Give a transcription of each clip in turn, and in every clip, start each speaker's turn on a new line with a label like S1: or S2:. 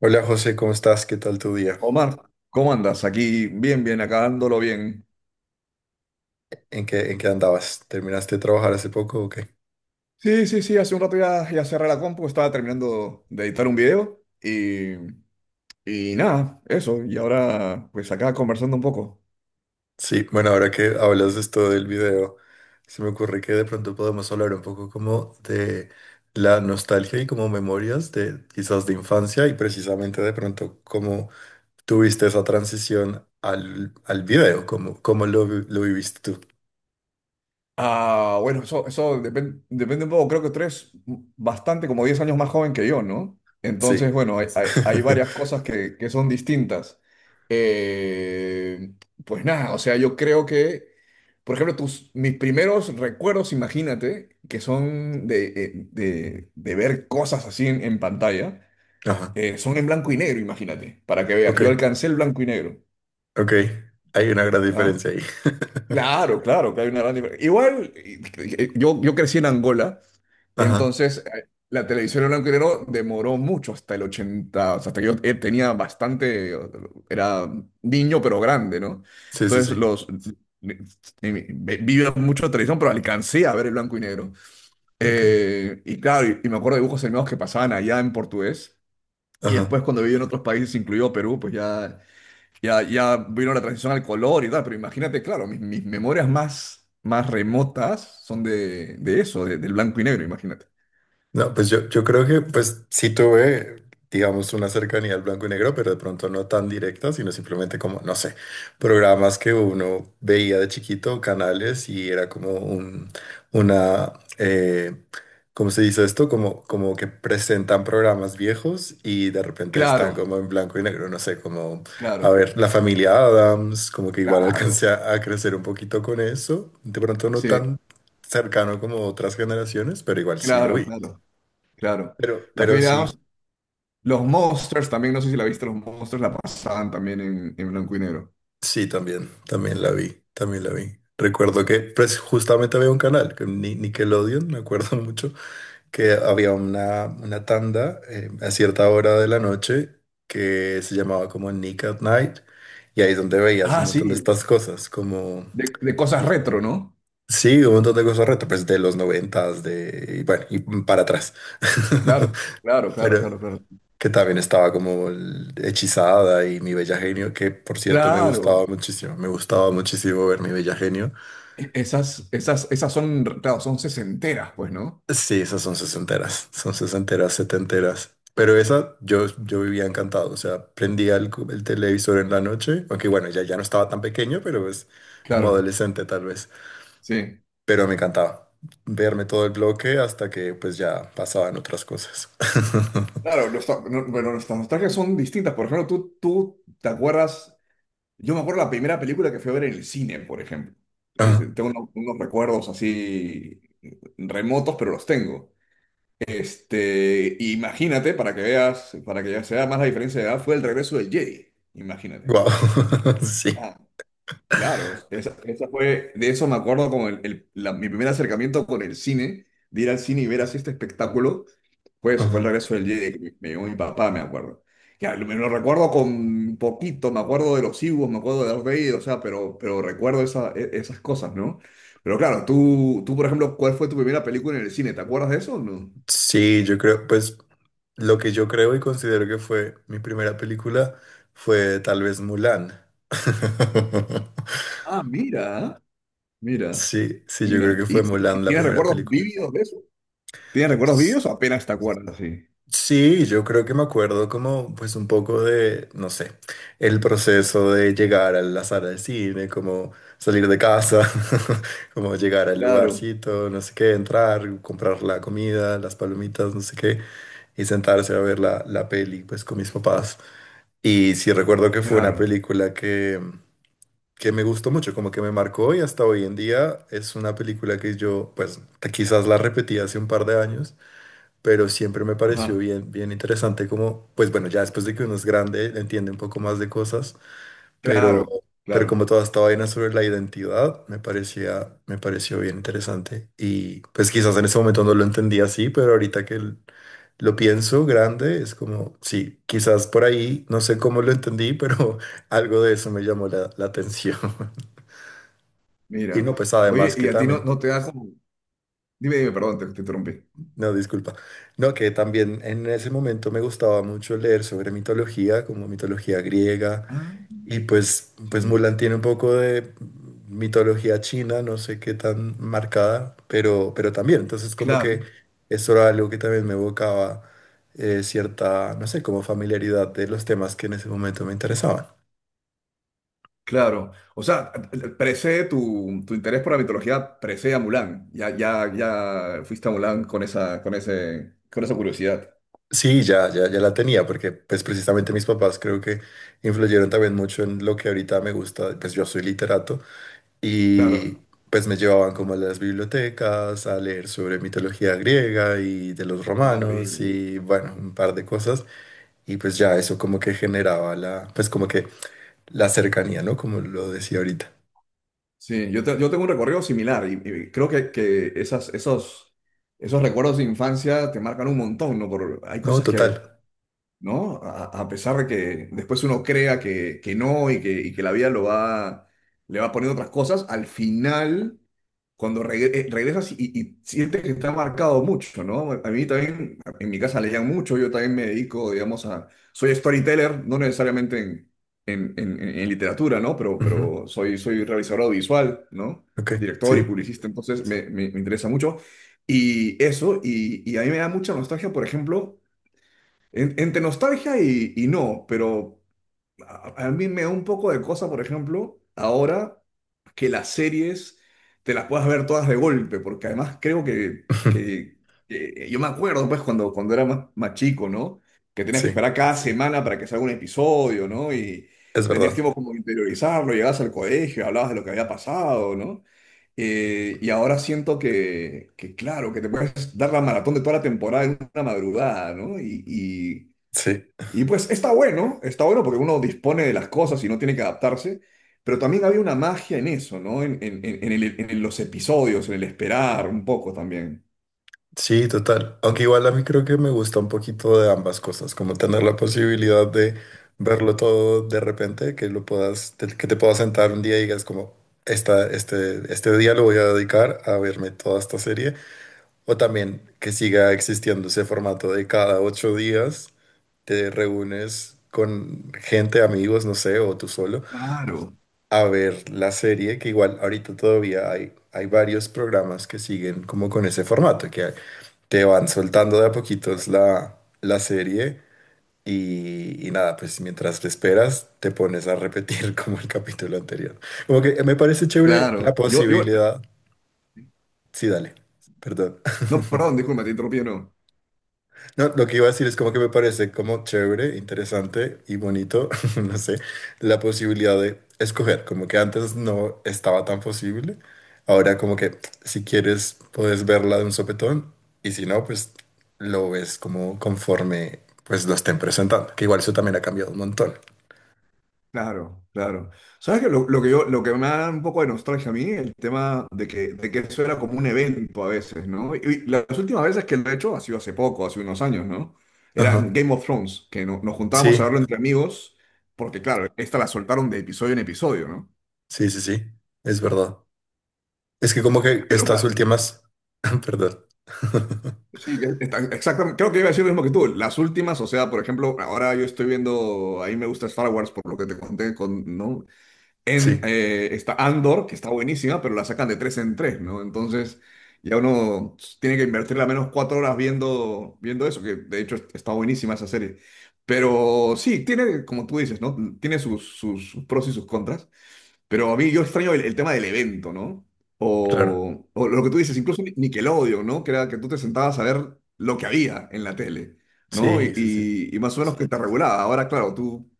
S1: Hola José, ¿cómo estás? ¿Qué tal tu día?
S2: Omar, ¿cómo andas? Aquí bien, bien, acá dándolo bien.
S1: ¿En qué andabas? ¿Terminaste de trabajar hace poco o qué?
S2: Sí, sí, sí, hace un rato ya, ya cerré la compu, estaba terminando de editar un video y nada, eso. Y ahora, pues acá conversando un poco.
S1: Sí, bueno, ahora que hablas de esto del video, se me ocurre que de pronto podemos hablar un poco como de la nostalgia y como memorias de quizás de infancia y precisamente de pronto cómo tuviste esa transición al video, cómo lo viviste tú.
S2: Ah, bueno, eso depende un poco, creo que tú eres bastante, como 10 años más joven que yo, ¿no?
S1: Sí.
S2: Entonces, bueno, hay varias cosas que son distintas. Eh, pues nada, o sea, yo creo que... Por ejemplo, mis primeros recuerdos, imagínate, que son de ver cosas así en pantalla,
S1: Ajá.
S2: son en blanco y negro, imagínate, para que veas.
S1: Ok,
S2: Yo alcancé el blanco y negro.
S1: ok. Hay una gran
S2: ¿Ah?
S1: diferencia ahí.
S2: Claro, claro, que hay una gran diferencia. Igual, yo crecí en Angola.
S1: Ajá.
S2: Entonces, la televisión en blanco y negro demoró mucho hasta el 80, o sea, hasta que yo tenía bastante, era niño pero grande, ¿no?
S1: Sí, sí,
S2: Entonces,
S1: sí.
S2: los... vi vi mucho televisión, pero alcancé a ver el blanco y negro. Y claro, y me acuerdo de dibujos animados que pasaban allá en portugués. Y
S1: Ok.
S2: después cuando viví en otros países, incluido Perú, pues ya vino la transición al color y tal. Pero imagínate, claro, mis memorias más remotas son de eso, del blanco y negro, imagínate.
S1: No, pues yo creo que pues sí tuve, digamos, una cercanía al blanco y negro, pero de pronto no tan directa, sino simplemente como, no sé, programas que uno veía de chiquito, canales, y era como una, eh, ¿cómo se dice esto? Como que presentan programas viejos y de repente
S2: Claro.
S1: están como en blanco y negro, no sé, como, a
S2: Claro,
S1: ver, la Familia Adams, como que igual
S2: claro.
S1: alcancé a crecer un poquito con eso, de pronto no
S2: Sí,
S1: tan cercano como otras generaciones, pero igual sí lo
S2: claro,
S1: vi.
S2: claro, claro.
S1: Pero,
S2: La
S1: pero
S2: Family
S1: sí,
S2: Adams, los Monsters también, no sé si la viste. Los Monsters la pasaban también en blanco y negro.
S1: sí, también, también la vi, también la vi. Recuerdo que pues, justamente había un canal, que Nickelodeon, me acuerdo mucho, que había una tanda a cierta hora de la noche que se llamaba como Nick at Night, y ahí es donde veías
S2: Ah,
S1: un montón de
S2: sí,
S1: estas cosas, como,
S2: de cosas retro, ¿no?
S1: sí, un montón de cosas retro, pues de los noventas, de, y bueno, y para atrás.
S2: Claro, claro, claro,
S1: Pero,
S2: claro, claro.
S1: que también estaba como Hechizada y Mi Bella Genio, que por cierto
S2: Claro,
S1: me gustaba muchísimo ver Mi Bella Genio.
S2: esas son, claro, son sesenteras, pues, ¿no?
S1: Sí, esas son sesenteras, setenteras. Pero esa yo vivía encantado, o sea, prendía el televisor en la noche, aunque bueno, ya no estaba tan pequeño, pero pues como
S2: Claro,
S1: adolescente tal vez.
S2: sí.
S1: Pero me encantaba verme todo el bloque hasta que pues ya pasaban otras cosas.
S2: Claro, no, bueno, nuestras nostalgias son distintas. Por ejemplo, tú te acuerdas. Yo me acuerdo la primera película que fui a ver en el cine, por ejemplo. Tengo unos recuerdos así remotos, pero los tengo. Imagínate, para que veas, para que ya se vea más la diferencia de edad, fue el regreso del Jedi. Imagínate.
S1: Wow, sí.
S2: Claro, esa fue, de eso me acuerdo como mi primer acercamiento con el cine, de ir al cine y ver así este espectáculo, fue eso, fue el
S1: Ajá.
S2: regreso del Jedi, que me llevó mi papá, me acuerdo. Ya, me lo recuerdo con poquito, me acuerdo de los Ewoks, me acuerdo de Darth Vader, o sea, pero recuerdo esas cosas, ¿no? Pero claro, tú, por ejemplo, ¿cuál fue tu primera película en el cine? ¿Te acuerdas de eso o no?
S1: Sí, yo creo, pues Lo que yo creo y considero que fue mi primera película fue tal vez Mulan.
S2: Ah, mira, mira,
S1: Sí, sí, yo creo
S2: mira.
S1: que fue Mulan la
S2: Tienes
S1: primera
S2: recuerdos
S1: película.
S2: vívidos de eso? ¿Tienes recuerdos
S1: S-
S2: vívidos o apenas te acuerdas? Sí.
S1: Sí, yo creo que me acuerdo como pues un poco de, no sé, el proceso de llegar a la sala del cine, como salir de casa, como llegar al
S2: Claro.
S1: lugarcito, no sé qué, entrar, comprar la comida, las palomitas, no sé qué, y sentarse a ver la peli pues con mis papás. Y sí recuerdo que fue una
S2: Claro,
S1: película que me gustó mucho, como que me marcó y hasta hoy en día es una película que yo, pues quizás la repetí hace un par de años, pero siempre me pareció
S2: ajá,
S1: bien, bien interesante como, pues bueno, ya después de que uno es grande, entiende un poco más de cosas pero,
S2: claro,
S1: pero como
S2: claro.
S1: toda esta vaina sobre la identidad, me pareció bien interesante. Y pues quizás en ese momento no lo entendía así, pero ahorita que lo pienso grande, es como, sí, quizás por ahí, no sé cómo lo entendí, pero algo de eso me llamó la atención. Y
S2: Mira,
S1: no, pues
S2: oye,
S1: además que
S2: y a ti no,
S1: también,
S2: no te da como. Dime, dime, perdón, te interrumpí.
S1: no, disculpa, no, que también en ese momento me gustaba mucho leer sobre mitología, como mitología griega.
S2: Ah,
S1: Y pues
S2: sí,
S1: Mulan tiene un poco de mitología china, no sé qué tan marcada, pero también. Entonces, como
S2: claro,
S1: que eso era algo que también me evocaba cierta, no sé, como familiaridad de los temas que en ese momento me interesaban.
S2: claro. O sea, precede tu interés por la mitología, precede a Mulan. Ya, ya, ya fuiste a Mulan con esa curiosidad.
S1: Sí, ya, ya, ya la tenía, porque pues precisamente mis papás creo que influyeron también mucho en lo que ahorita me gusta. Pues yo soy literato.
S2: Claro,
S1: Y pues me llevaban como a las bibliotecas a leer sobre mitología griega y de los
S2: qué
S1: romanos
S2: maravilla.
S1: y bueno, un par de cosas. Y pues ya eso como que generaba pues como que la cercanía, ¿no? Como lo decía ahorita.
S2: Sí, yo tengo un recorrido similar y creo que esos recuerdos de infancia te marcan un montón, ¿no? Por, hay
S1: No,
S2: cosas que,
S1: total.
S2: ¿no? A pesar de que después uno crea que no y que la vida lo va, le va poniendo otras cosas, al final, cuando regresas y sientes que está marcado mucho, ¿no? A mí también, en mi casa leían mucho, yo también me dedico, digamos, a... Soy storyteller, no necesariamente en literatura, ¿no? Pero,
S1: Ujú.
S2: pero soy realizador audiovisual, ¿no?
S1: Ok,
S2: Director y
S1: sí.
S2: publicista, entonces me interesa mucho. Y eso, y a mí me da mucha nostalgia, por ejemplo, entre nostalgia y no, pero a mí me da un poco de cosa, por ejemplo, ahora que las series te las puedas ver todas de golpe, porque además creo que, que- que eh, yo me acuerdo, pues, cuando era más chico, ¿no? Que tenías que
S1: Sí,
S2: esperar cada semana para que salga un episodio, ¿no? Y
S1: es
S2: tenías
S1: verdad.
S2: tiempo como de interiorizarlo, llegabas al colegio, hablabas de lo que había pasado, ¿no? Y ahora siento claro, que te puedes dar la maratón de toda la temporada en una madrugada, ¿no? Y,
S1: Sí.
S2: y pues está bueno porque uno dispone de las cosas y no tiene que adaptarse, pero también había una magia en eso, ¿no? En los episodios, en el esperar un poco también.
S1: Sí, total. Aunque igual a mí creo que me gusta un poquito de ambas cosas, como tener la posibilidad de verlo todo de repente, que te puedas sentar un día y digas como, este día lo voy a dedicar a verme toda esta serie, o también que siga existiendo ese formato de cada 8 días te reúnes con gente, amigos, no sé, o tú solo
S2: Claro.
S1: a ver la serie, que igual ahorita todavía hay varios programas que siguen como con ese formato, que te van soltando de a poquitos la serie y nada, pues mientras te esperas te pones a repetir como el capítulo anterior. Como que me parece chévere la
S2: Claro,
S1: posibilidad. Sí, dale, perdón.
S2: no, perdón, disculpa, te interrumpí, no.
S1: No, lo que iba a decir es como que me parece como chévere, interesante y bonito, no sé, la posibilidad de escoger, como que antes no estaba tan posible, ahora como que si quieres puedes verla de un sopetón y si no, pues lo ves como conforme pues lo estén presentando, que igual eso también ha cambiado un montón.
S2: Claro, claro. ¿Sabes qué? Lo que me da un poco de nostalgia a mí, el tema de que eso era como un evento a veces, ¿no? Y las últimas veces que lo he hecho ha sido hace poco, hace unos años, ¿no? Era
S1: Ajá.
S2: Game of Thrones, que nos juntábamos a
S1: Sí,
S2: verlo entre amigos, porque claro, esta la soltaron de episodio en episodio, ¿no?
S1: sí, sí, sí, es verdad. Es que como que
S2: Pero
S1: estas
S2: claro,
S1: últimas, perdón.
S2: sí, exactamente, creo que iba a decir lo mismo que tú. Las últimas, o sea, por ejemplo, ahora yo estoy viendo, a mí me gusta Star Wars, por lo que te conté, ¿no? En,
S1: Sí,
S2: eh, está Andor, que está buenísima, pero la sacan de tres en tres, ¿no? Entonces ya uno tiene que invertirle al menos 4 horas viendo, eso, que de hecho está buenísima esa serie. Pero sí, tiene, como tú dices, ¿no? Tiene sus pros y sus contras. Pero a mí yo extraño el tema del evento, ¿no?
S1: claro.
S2: O lo que tú dices, incluso Nickelodeon, ¿no? Que era que tú te sentabas a ver lo que había en la tele, ¿no? Y,
S1: Sí, sí, sí.
S2: y- y más o menos que te regulaba. Ahora, claro, tú,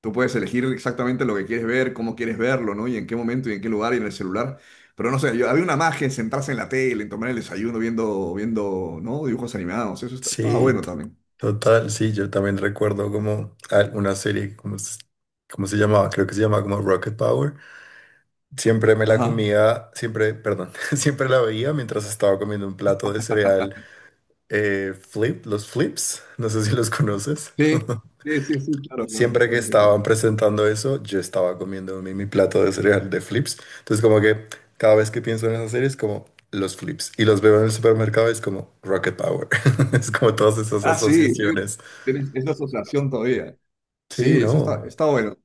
S2: tú puedes elegir exactamente lo que quieres ver, cómo quieres verlo, ¿no? Y en qué momento y en qué lugar y en el celular. Pero no sé, había una magia en sentarse en la tele, en tomar el desayuno viendo, ¿no? Dibujos animados. Eso estaba
S1: Sí,
S2: bueno
S1: t-
S2: también.
S1: total, sí, yo también recuerdo como una serie, como, ¿cómo se llamaba? Creo que se llamaba como Rocket Power. Siempre me la
S2: Ajá.
S1: comía, siempre, perdón, siempre la veía mientras estaba comiendo un plato de cereal los Flips, no sé si los conoces.
S2: Sí, sí, sí, sí, claro, claro,
S1: Siempre que
S2: claro que sí.
S1: estaban presentando eso, yo estaba comiendo mi plato de cereal de Flips. Entonces como que cada vez que pienso en esa serie es como los Flips y los veo en el supermercado es como Rocket Power. Es como todas esas
S2: Ah, sí, tienes,
S1: asociaciones.
S2: tienes esa asociación todavía. Sí,
S1: Sí, no,
S2: eso está bueno,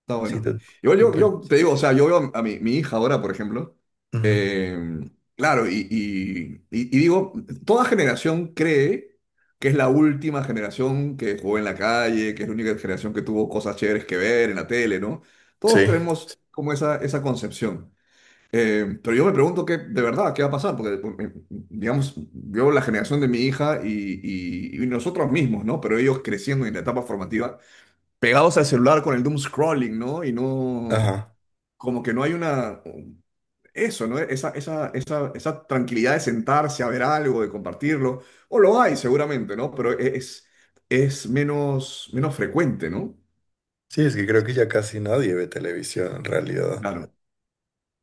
S2: está
S1: sí,
S2: bueno.
S1: to-
S2: Igual yo,
S1: total.
S2: yo te digo, o sea, yo veo a mi hija ahora, por ejemplo,
S1: Ujú.
S2: eh, claro, y digo, toda generación cree que es la última generación que jugó en la calle, que es la única generación que tuvo cosas chéveres que ver en la tele, ¿no?
S1: Sí.
S2: Todos tenemos como esa concepción. Pero yo me pregunto qué, de verdad, qué va a pasar, porque, digamos, veo la generación de mi hija y nosotros mismos, ¿no? Pero ellos creciendo en la etapa formativa pegados al celular con el doom scrolling, ¿no? Y no,
S1: Ajá.
S2: como que no hay una, eso, ¿no? Esa tranquilidad de sentarse a ver algo, de compartirlo, o lo hay seguramente, ¿no? Pero es menos frecuente, ¿no?
S1: Sí, es que creo que ya casi nadie ve televisión en realidad.
S2: Claro.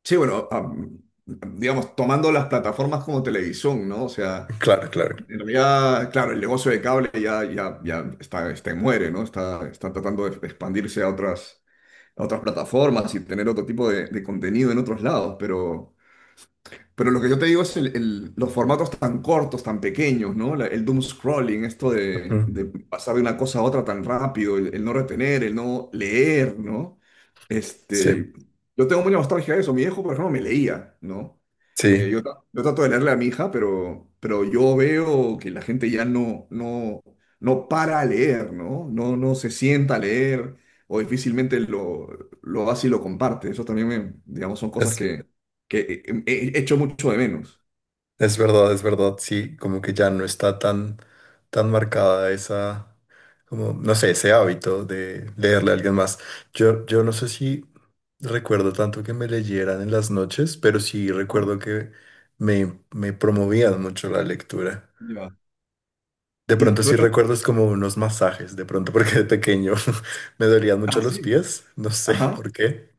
S2: Sí, bueno, digamos, tomando las plataformas como televisión, ¿no? O sea,
S1: Claro, claro.
S2: en realidad, claro, el negocio de cable ya muere, ¿no? Está tratando de expandirse a otras plataformas y tener otro tipo de contenido en otros lados, pero... Pero lo que yo te digo es los formatos tan cortos, tan pequeños, ¿no? El doom scrolling, esto de,
S1: Ujú.
S2: de pasar de una cosa a otra tan rápido, el no retener, el no leer, ¿no?
S1: Sí,
S2: Este, yo tengo mucha nostalgia de eso. Mi hijo, por ejemplo, me leía, ¿no? Eh,
S1: sí,
S2: yo, tra- yo trato de leerle a mi hija, pero yo veo que la gente ya no para a leer, ¿no? No, no se sienta a leer o difícilmente lo hace y lo comparte. Eso también, digamos, son cosas
S1: es,
S2: que echo mucho de menos.
S1: es verdad, es verdad. Sí, como que ya no está tan, tan marcada esa, como, no sé, ese hábito de leerle a alguien más. Yo no sé si recuerdo tanto que me leyeran en las noches, pero sí
S2: Ah,
S1: recuerdo que me promovían mucho la lectura.
S2: ya.
S1: De
S2: Y
S1: pronto
S2: tú
S1: sí
S2: eres,
S1: recuerdo es como unos masajes, de pronto porque de pequeño me dolían mucho
S2: ah,
S1: los
S2: sí.
S1: pies, no sé
S2: Ajá.
S1: por qué.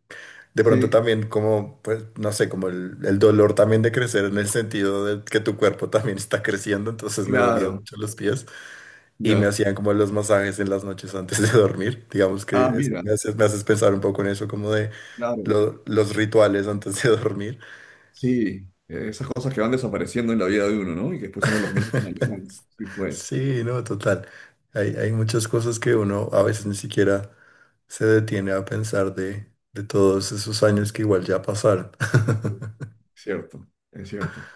S1: De pronto
S2: Sí,
S1: también como, pues, no sé, como el dolor también de crecer en el sentido de que tu cuerpo también está creciendo, entonces me dolían
S2: claro,
S1: mucho los pies y me
S2: ya,
S1: hacían como los masajes en las noches antes de dormir. Digamos que
S2: ah, mira.
S1: me haces pensar un poco en eso, como de
S2: Claro.
S1: los rituales antes de dormir.
S2: Sí, esas cosas que van desapareciendo en la vida de uno, ¿no? Y que después uno los mira con añoranza. Sí, pues.
S1: Sí, no, total. Hay muchas cosas que uno a veces ni siquiera se detiene a pensar de todos esos años que igual ya pasaron.
S2: Sí, cierto, es cierto.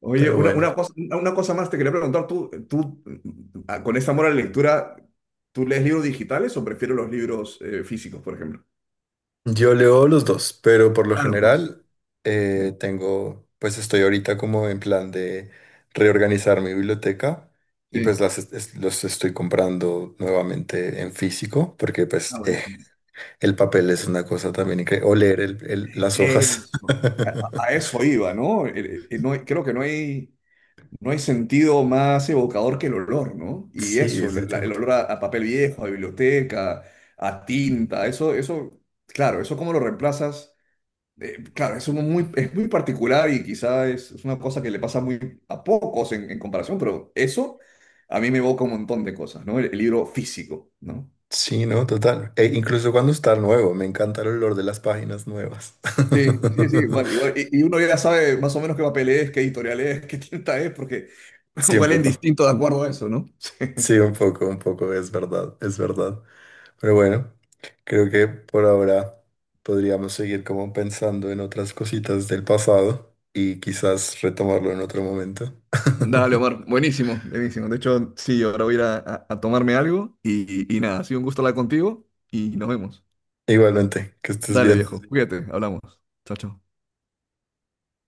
S2: Oye,
S1: Pero
S2: una,
S1: bueno,
S2: una cosa, una cosa más te quería preguntar, con ese amor a la lectura, ¿tú lees libros digitales o prefieres los libros físicos, por ejemplo?
S1: yo leo los dos, pero por lo
S2: Ah, los dos.
S1: general
S2: Sí.
S1: pues estoy ahorita como en plan de reorganizar mi biblioteca y pues
S2: Sí.
S1: los estoy comprando nuevamente en físico porque
S2: Ah,
S1: pues
S2: buenísimo.
S1: el papel es una cosa también increíble, o leer las hojas.
S2: Eso. A eso iba, ¿no? Creo que no hay sentido más evocador que el olor, ¿no? Y
S1: Sí,
S2: eso, el
S1: definitivamente.
S2: olor a papel viejo, a biblioteca, a tinta, claro, eso cómo lo reemplazas. Claro, eso es es muy particular y quizá es una cosa que le pasa muy a pocos en comparación, pero eso a mí me evoca un montón de cosas, ¿no? El libro físico, ¿no?
S1: Sí, no, total. E incluso cuando está nuevo, me encanta el olor de las páginas nuevas.
S2: Sí, sí, sí, igual, igual. Y uno ya sabe más o menos qué papel es, qué editorial es, qué tinta es, porque
S1: Sí, un
S2: huelen
S1: poco.
S2: distinto de acuerdo a eso, ¿no?
S1: Sí,
S2: Sí.
S1: un poco, es verdad, es verdad. Pero bueno, creo que por ahora podríamos seguir como pensando en otras cositas del pasado y quizás retomarlo en otro momento.
S2: Dale, Omar. Buenísimo, buenísimo. De hecho, sí, ahora voy a ir a tomarme algo y nada, ha sido un gusto hablar contigo y nos vemos.
S1: Igualmente, que estés
S2: Dale,
S1: bien.
S2: viejo. Cuídate, hablamos. Chao, chao.